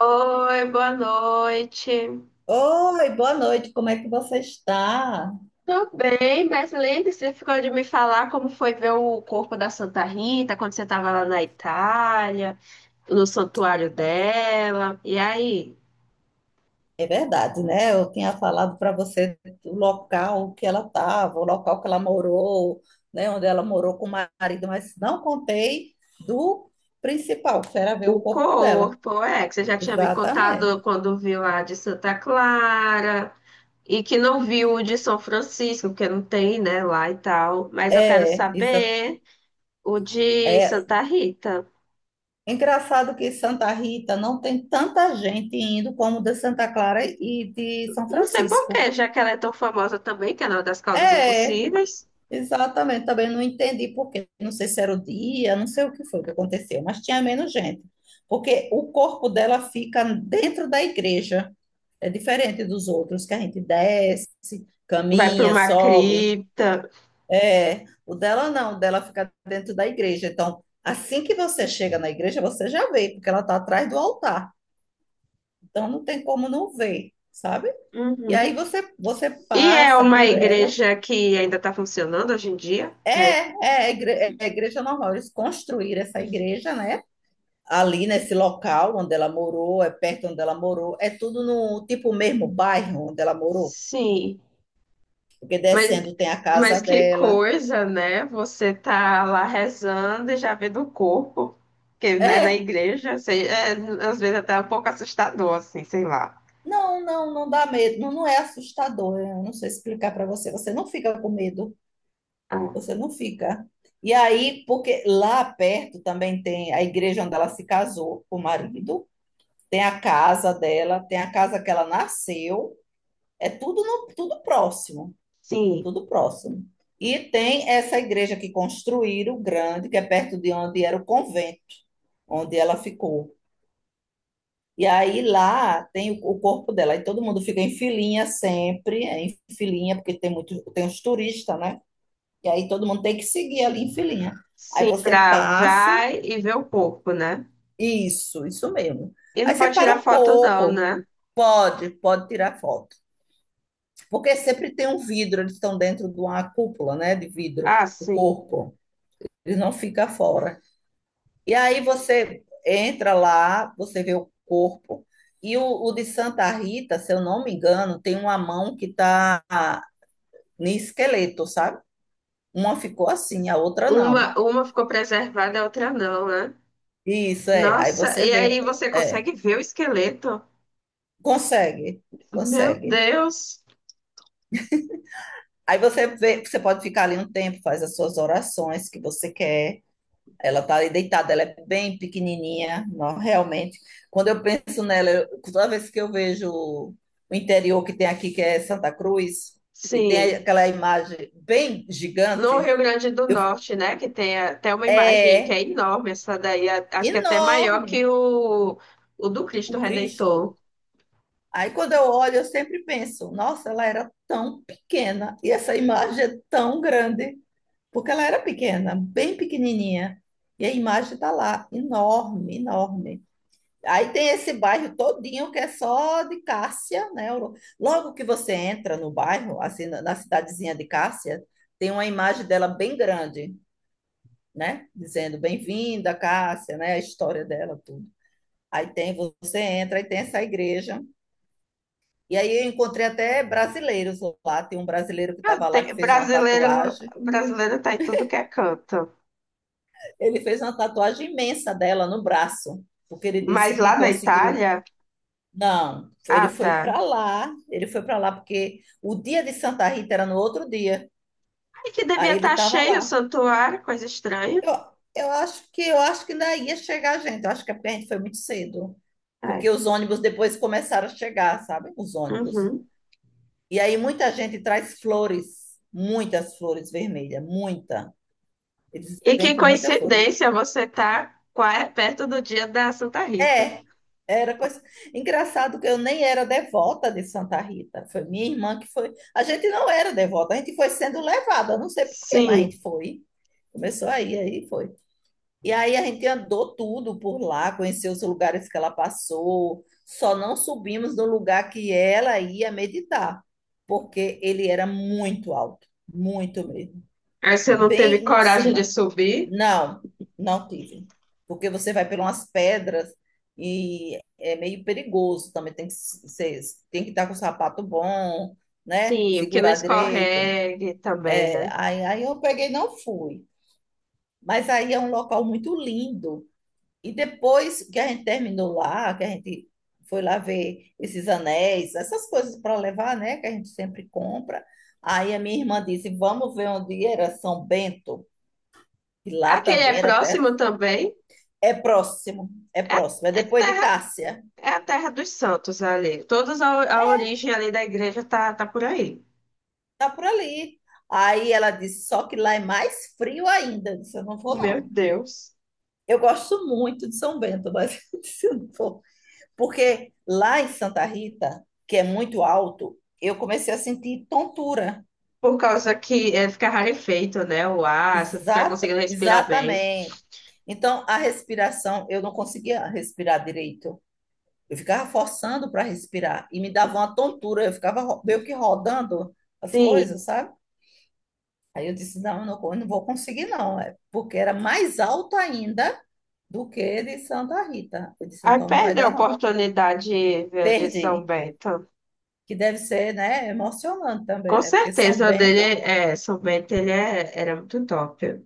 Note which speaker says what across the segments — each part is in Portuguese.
Speaker 1: Oi, boa noite.
Speaker 2: Oi, boa noite, como é que você está?
Speaker 1: Tô bem, mas lembre-se, você ficou de me falar como foi ver o corpo da Santa Rita quando você estava lá na Itália, no santuário dela. E aí,
Speaker 2: É verdade, né? Eu tinha falado para você o local que ela estava, o local que ela morou, né? Onde ela morou com o marido, mas não contei do principal, que era ver o
Speaker 1: o
Speaker 2: corpo dela.
Speaker 1: corpo, é, que você já tinha me contado
Speaker 2: Exatamente.
Speaker 1: quando viu a de Santa Clara e que não viu o de São Francisco, porque não tem, né, lá e tal. Mas eu quero
Speaker 2: É, isso
Speaker 1: saber o de
Speaker 2: é
Speaker 1: Santa Rita.
Speaker 2: engraçado que Santa Rita não tem tanta gente indo como de Santa Clara e de São
Speaker 1: Não sei por
Speaker 2: Francisco.
Speaker 1: quê, já que ela é tão famosa também, que é uma das causas
Speaker 2: É,
Speaker 1: impossíveis.
Speaker 2: exatamente, também não entendi por quê. Não sei se era o dia, não sei o que foi que aconteceu, mas tinha menos gente. Porque o corpo dela fica dentro da igreja, é diferente dos outros, que a gente desce,
Speaker 1: Vai para
Speaker 2: caminha,
Speaker 1: uma
Speaker 2: sobe.
Speaker 1: cripta.
Speaker 2: É, o dela não, o dela fica dentro da igreja. Então, assim que você chega na igreja, você já vê, porque ela está atrás do altar. Então, não tem como não ver, sabe? E
Speaker 1: Uhum.
Speaker 2: aí você
Speaker 1: E é
Speaker 2: passa
Speaker 1: uma
Speaker 2: por ela.
Speaker 1: igreja que ainda está funcionando hoje em dia?
Speaker 2: É,
Speaker 1: É,
Speaker 2: é, é a igreja normal. Eles construíram essa igreja, né? Ali nesse local onde ela morou, é perto onde ela morou, é tudo no tipo mesmo bairro onde ela morou,
Speaker 1: sim.
Speaker 2: porque
Speaker 1: Mas,
Speaker 2: descendo tem a
Speaker 1: mas
Speaker 2: casa
Speaker 1: que
Speaker 2: dela.
Speaker 1: coisa, né? Você tá lá rezando e já vê do corpo, que né, na
Speaker 2: É,
Speaker 1: igreja, sei, é, às vezes até é um pouco assustador, assim, sei lá.
Speaker 2: não, não, não dá medo, não, não é assustador. Eu não sei explicar para você, você não fica com medo,
Speaker 1: Ah,
Speaker 2: você não fica. E aí, porque lá perto também tem a igreja onde ela se casou com o marido, tem a casa dela, tem a casa que ela nasceu. É tudo, tudo próximo,
Speaker 1: sim,
Speaker 2: tudo próximo. E tem essa igreja que construíram, grande, que é perto de onde era o convento, onde ela ficou. E aí lá tem o corpo dela, e todo mundo fica em filinha sempre, é, em filinha, porque tem muito, tem os turistas, né? E aí todo mundo tem que seguir ali em filinha. Aí
Speaker 1: sim,
Speaker 2: você
Speaker 1: pra
Speaker 2: passa,
Speaker 1: vai e ver o corpo, né?
Speaker 2: isso mesmo.
Speaker 1: E
Speaker 2: Aí
Speaker 1: não
Speaker 2: você
Speaker 1: pode
Speaker 2: para
Speaker 1: tirar
Speaker 2: um
Speaker 1: foto, não,
Speaker 2: pouco,
Speaker 1: né?
Speaker 2: pode, pode tirar foto. Porque sempre tem um vidro, eles estão dentro de uma cúpula, né, de vidro,
Speaker 1: Ah,
Speaker 2: o
Speaker 1: sim.
Speaker 2: corpo. Eles não ficam fora. E aí você entra lá, você vê o corpo. E o de Santa Rita, se eu não me engano, tem uma mão que está no esqueleto, sabe? Uma ficou assim, a outra não.
Speaker 1: Uma ficou preservada, a outra não, né?
Speaker 2: Isso, é. Aí
Speaker 1: Nossa,
Speaker 2: você
Speaker 1: e
Speaker 2: vê,
Speaker 1: aí você
Speaker 2: é,
Speaker 1: consegue ver o esqueleto?
Speaker 2: consegue,
Speaker 1: Meu
Speaker 2: consegue.
Speaker 1: Deus!
Speaker 2: Aí você vê, você pode ficar ali um tempo, faz as suas orações que você quer. Ela tá ali deitada, ela é bem pequenininha, não, realmente. Quando eu penso nela, toda vez que eu vejo o interior que tem aqui, que é Santa Cruz, e tem
Speaker 1: Sim,
Speaker 2: aquela imagem bem
Speaker 1: no
Speaker 2: gigante,
Speaker 1: Rio Grande do
Speaker 2: eu-
Speaker 1: Norte, né? Que tem até uma imagem que
Speaker 2: é
Speaker 1: é enorme, essa daí, acho que é até maior
Speaker 2: enorme
Speaker 1: que o do Cristo
Speaker 2: o
Speaker 1: Redentor.
Speaker 2: Cristo. Aí quando eu olho, eu sempre penso, nossa, ela era tão pequena e essa imagem é tão grande, porque ela era pequena, bem pequenininha, e a imagem está lá, enorme, enorme. Aí tem esse bairro todinho que é só de Cássia, né? Logo que você entra no bairro, assim, na cidadezinha de Cássia, tem uma imagem dela bem grande, né? Dizendo bem-vinda, Cássia, né? A história dela, tudo. Aí tem, você entra, aí tem essa igreja. E aí eu encontrei até brasileiros lá. Tem um brasileiro que
Speaker 1: Ah,
Speaker 2: estava lá
Speaker 1: tem,
Speaker 2: que fez uma
Speaker 1: brasileiro,
Speaker 2: tatuagem.
Speaker 1: brasileiro tá em tudo que é canto.
Speaker 2: Ele fez uma tatuagem imensa dela no braço, porque ele
Speaker 1: Mas
Speaker 2: disse que
Speaker 1: lá na
Speaker 2: conseguiu.
Speaker 1: Itália,
Speaker 2: Não, ele
Speaker 1: ah,
Speaker 2: foi
Speaker 1: tá.
Speaker 2: para lá, ele foi para lá porque o dia de Santa Rita era no outro dia.
Speaker 1: Ai, que devia
Speaker 2: Aí ele
Speaker 1: estar
Speaker 2: estava
Speaker 1: cheio o
Speaker 2: lá.
Speaker 1: santuário, coisa estranha.
Speaker 2: Eu, eu acho que ainda ia chegar gente. Eu acho que a gente foi muito cedo, porque
Speaker 1: É.
Speaker 2: os ônibus depois começaram a chegar, sabe? Os ônibus.
Speaker 1: Uhum.
Speaker 2: E aí muita gente traz flores, muitas flores vermelhas, muita. Eles
Speaker 1: E que
Speaker 2: vêm com muita flor.
Speaker 1: coincidência, você tá perto do dia da Santa Rita.
Speaker 2: É, era coisa. Engraçado que eu nem era devota de Santa Rita. Foi minha irmã que foi. A gente não era devota, a gente foi sendo levada, eu não sei por quê, mas a
Speaker 1: Sim.
Speaker 2: gente foi. Começou aí, aí foi. E aí a gente andou tudo por lá, conheceu os lugares que ela passou. Só não subimos no lugar que ela ia meditar, porque ele era muito alto, muito mesmo,
Speaker 1: Aí você não teve
Speaker 2: bem em
Speaker 1: coragem de
Speaker 2: cima.
Speaker 1: subir?
Speaker 2: Não, não tive. Porque você vai por umas pedras e é meio perigoso também. Tem que ser, tem que estar com o sapato bom, né?
Speaker 1: Sim, o que não
Speaker 2: Segurar a direita.
Speaker 1: escorregue também,
Speaker 2: É,
Speaker 1: né?
Speaker 2: aí, aí eu peguei e não fui. Mas aí é um local muito lindo. E depois que a gente terminou lá, que a gente foi lá ver esses anéis, essas coisas para levar, né? Que a gente sempre compra. Aí a minha irmã disse: Vamos ver onde era São Bento. E lá
Speaker 1: Aquele
Speaker 2: também
Speaker 1: é
Speaker 2: era até.
Speaker 1: próximo também?
Speaker 2: É próximo, é
Speaker 1: É,
Speaker 2: próximo. É
Speaker 1: é a
Speaker 2: depois de
Speaker 1: terra,
Speaker 2: Cássia.
Speaker 1: é a terra dos santos ali. Todas a origem ali da igreja tá, tá por aí.
Speaker 2: Tá por ali. Aí ela disse, só que lá é mais frio ainda. Eu disse, eu não vou,
Speaker 1: Meu
Speaker 2: não.
Speaker 1: Deus.
Speaker 2: Eu gosto muito de São Bento, mas eu disse, eu não vou. Porque lá em Santa Rita, que é muito alto, eu comecei a sentir tontura.
Speaker 1: Por causa que é, fica rarefeito, né? O ar, você não fica conseguindo respirar bem.
Speaker 2: Exatamente. Então, a respiração, eu não conseguia respirar direito. Eu ficava forçando para respirar e me dava uma tontura, eu ficava meio que rodando as
Speaker 1: Sim.
Speaker 2: coisas, sabe? Aí eu disse, não, eu não, eu não vou conseguir não, é porque era mais alto ainda do que de Santa Rita. Eu disse,
Speaker 1: Aí
Speaker 2: então não vai
Speaker 1: perdeu a
Speaker 2: dar não.
Speaker 1: oportunidade viu, de São
Speaker 2: Perdi,
Speaker 1: Bento.
Speaker 2: que deve ser, né, emocionante também,
Speaker 1: Com
Speaker 2: né? Porque São
Speaker 1: certeza o
Speaker 2: Bento,
Speaker 1: dele é, São Bento ele é, era muito top.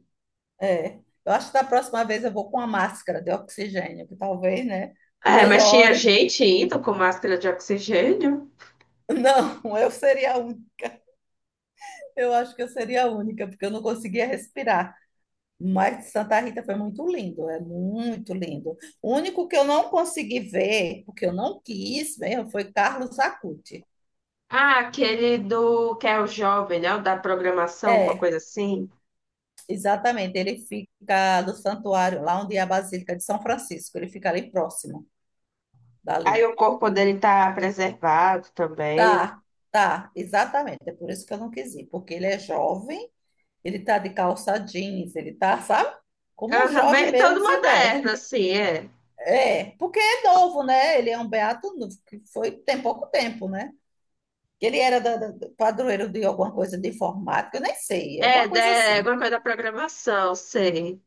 Speaker 2: é. Eu acho que da próxima vez eu vou com a máscara de oxigênio, que talvez, né,
Speaker 1: É, mas tinha
Speaker 2: melhore.
Speaker 1: gente indo com máscara de oxigênio.
Speaker 2: Não, eu acho que eu seria a única, porque eu não conseguia respirar. Mas Santa Rita foi muito lindo, é muito lindo. O único que eu não consegui ver, porque eu não quis mesmo, foi Carlos Acuti.
Speaker 1: Ah, aquele do que é o jovem, né? O da programação, alguma
Speaker 2: É,
Speaker 1: coisa assim.
Speaker 2: exatamente, ele fica do santuário, lá onde é a Basílica de São Francisco, ele fica ali próximo
Speaker 1: Aí
Speaker 2: dali.
Speaker 1: o corpo dele tá preservado também.
Speaker 2: Tá, tá, exatamente, é por isso que eu não quis ir, porque ele é jovem, ele tá de calça jeans, ele tá, sabe? Como um
Speaker 1: Aham,
Speaker 2: jovem
Speaker 1: bem,
Speaker 2: mesmo
Speaker 1: todo
Speaker 2: se veste.
Speaker 1: moderno, assim, é.
Speaker 2: É, porque é novo, né? Ele é um beato novo, que foi tem pouco tempo, né? Ele era padroeiro de alguma coisa de informática, eu nem sei, alguma
Speaker 1: É,
Speaker 2: coisa
Speaker 1: é
Speaker 2: assim.
Speaker 1: alguma coisa da programação, sei.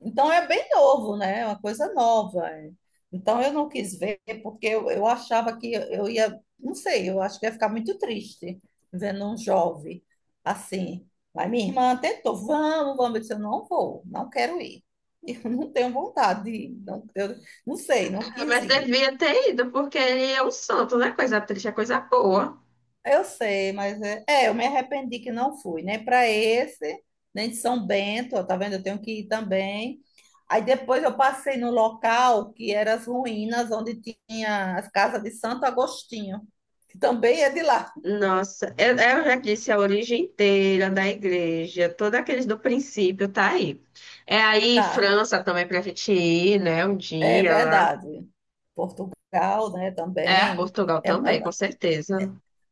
Speaker 2: Então é bem novo, né? É uma coisa nova. É. Então eu não quis ver porque eu achava que eu ia, não sei, eu acho que ia ficar muito triste vendo um jovem assim. Mas minha irmã tentou, vamos, vamos. Eu disse, eu não vou, não quero ir. Eu não tenho vontade de ir, não, eu não sei, não
Speaker 1: Ah,
Speaker 2: quis
Speaker 1: mas
Speaker 2: ir.
Speaker 1: devia ter ido, porque ele é um santo, não é coisa triste, é coisa boa.
Speaker 2: Eu sei, mas é, é, eu me arrependi que não fui, nem para esse, nem de São Bento, ó, tá vendo? Eu tenho que ir também. Aí depois eu passei no local que eram as ruínas onde tinha as casas de Santo Agostinho, que também é de lá,
Speaker 1: Nossa, eu já disse a origem inteira da igreja, todos aqueles do princípio tá aí. É aí
Speaker 2: tá?
Speaker 1: França também pra gente ir, né? Um
Speaker 2: É
Speaker 1: dia lá.
Speaker 2: verdade. Portugal, né,
Speaker 1: É,
Speaker 2: também.
Speaker 1: Portugal
Speaker 2: É-
Speaker 1: também, com
Speaker 2: é-
Speaker 1: certeza.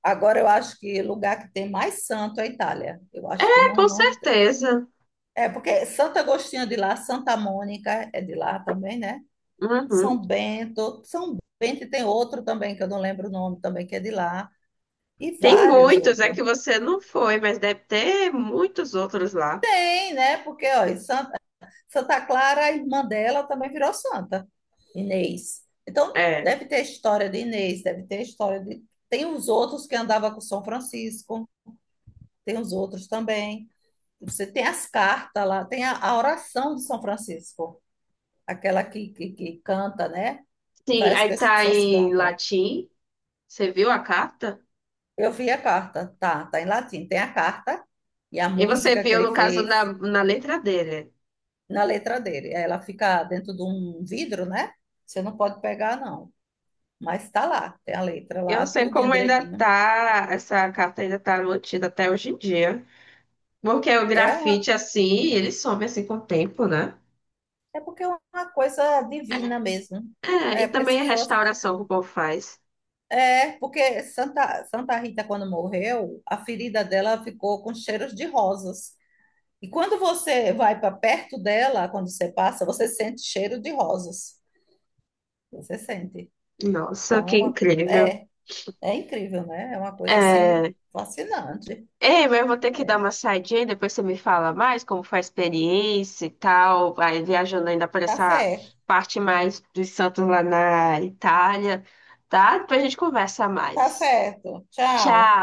Speaker 2: agora eu acho que o lugar que tem mais santo é a Itália. Eu acho que
Speaker 1: É,
Speaker 2: não,
Speaker 1: com
Speaker 2: não.
Speaker 1: certeza.
Speaker 2: É porque Santo Agostinho é de lá, Santa Mônica é de lá também, né? São
Speaker 1: Uhum.
Speaker 2: Bento, São Bento e tem outro também que eu não lembro o nome também que é de lá e
Speaker 1: Tem
Speaker 2: vários
Speaker 1: muitos, é
Speaker 2: outros.
Speaker 1: que você não foi, mas deve ter muitos outros lá.
Speaker 2: Tem, né? Porque ó, em Santa, Santa Clara, a irmã dela também virou santa, Inês. Então
Speaker 1: É.
Speaker 2: deve ter a história de Inês, deve ter a história de tem os outros que andava com São Francisco, tem os outros também. Você tem as cartas lá, tem a oração de São Francisco, aquela que canta, né? Que
Speaker 1: Sim,
Speaker 2: várias
Speaker 1: aí tá
Speaker 2: pessoas
Speaker 1: em
Speaker 2: cantam.
Speaker 1: latim. Você viu a carta?
Speaker 2: Eu vi a carta, tá, tá em latim. Tem a carta e a
Speaker 1: E você
Speaker 2: música que
Speaker 1: viu,
Speaker 2: ele
Speaker 1: no caso, na,
Speaker 2: fez
Speaker 1: na letra dele.
Speaker 2: na letra dele. Ela fica dentro de um vidro, né? Você não pode pegar, não. Mas tá lá, tem a letra
Speaker 1: Eu
Speaker 2: lá,
Speaker 1: não sei
Speaker 2: tudinho
Speaker 1: como ainda
Speaker 2: direitinho.
Speaker 1: tá, essa carta ainda tá mantida até hoje em dia. Porque o
Speaker 2: É, uma,
Speaker 1: grafite, assim, ele some assim com o tempo, né?
Speaker 2: é porque é uma coisa divina mesmo.
Speaker 1: É,
Speaker 2: É,
Speaker 1: e
Speaker 2: porque
Speaker 1: também a
Speaker 2: se fosse.
Speaker 1: restauração que o povo faz.
Speaker 2: É, porque Santa, Santa Rita, quando morreu, a ferida dela ficou com cheiros de rosas. E quando você vai para perto dela, quando você passa, você sente cheiro de rosas. Você sente.
Speaker 1: Nossa,
Speaker 2: Então, é
Speaker 1: que
Speaker 2: uma,
Speaker 1: incrível.
Speaker 2: é, é incrível, né? É uma coisa assim
Speaker 1: É...
Speaker 2: fascinante.
Speaker 1: Ei, mas eu vou ter que dar
Speaker 2: É.
Speaker 1: uma saidinha, depois você me fala mais como foi a experiência e tal. Vai viajando ainda por
Speaker 2: Tá
Speaker 1: essa
Speaker 2: certo.
Speaker 1: parte mais dos santos lá na Itália, tá? Depois a gente conversa
Speaker 2: Tá
Speaker 1: mais.
Speaker 2: certo. Tchau.
Speaker 1: Tchau!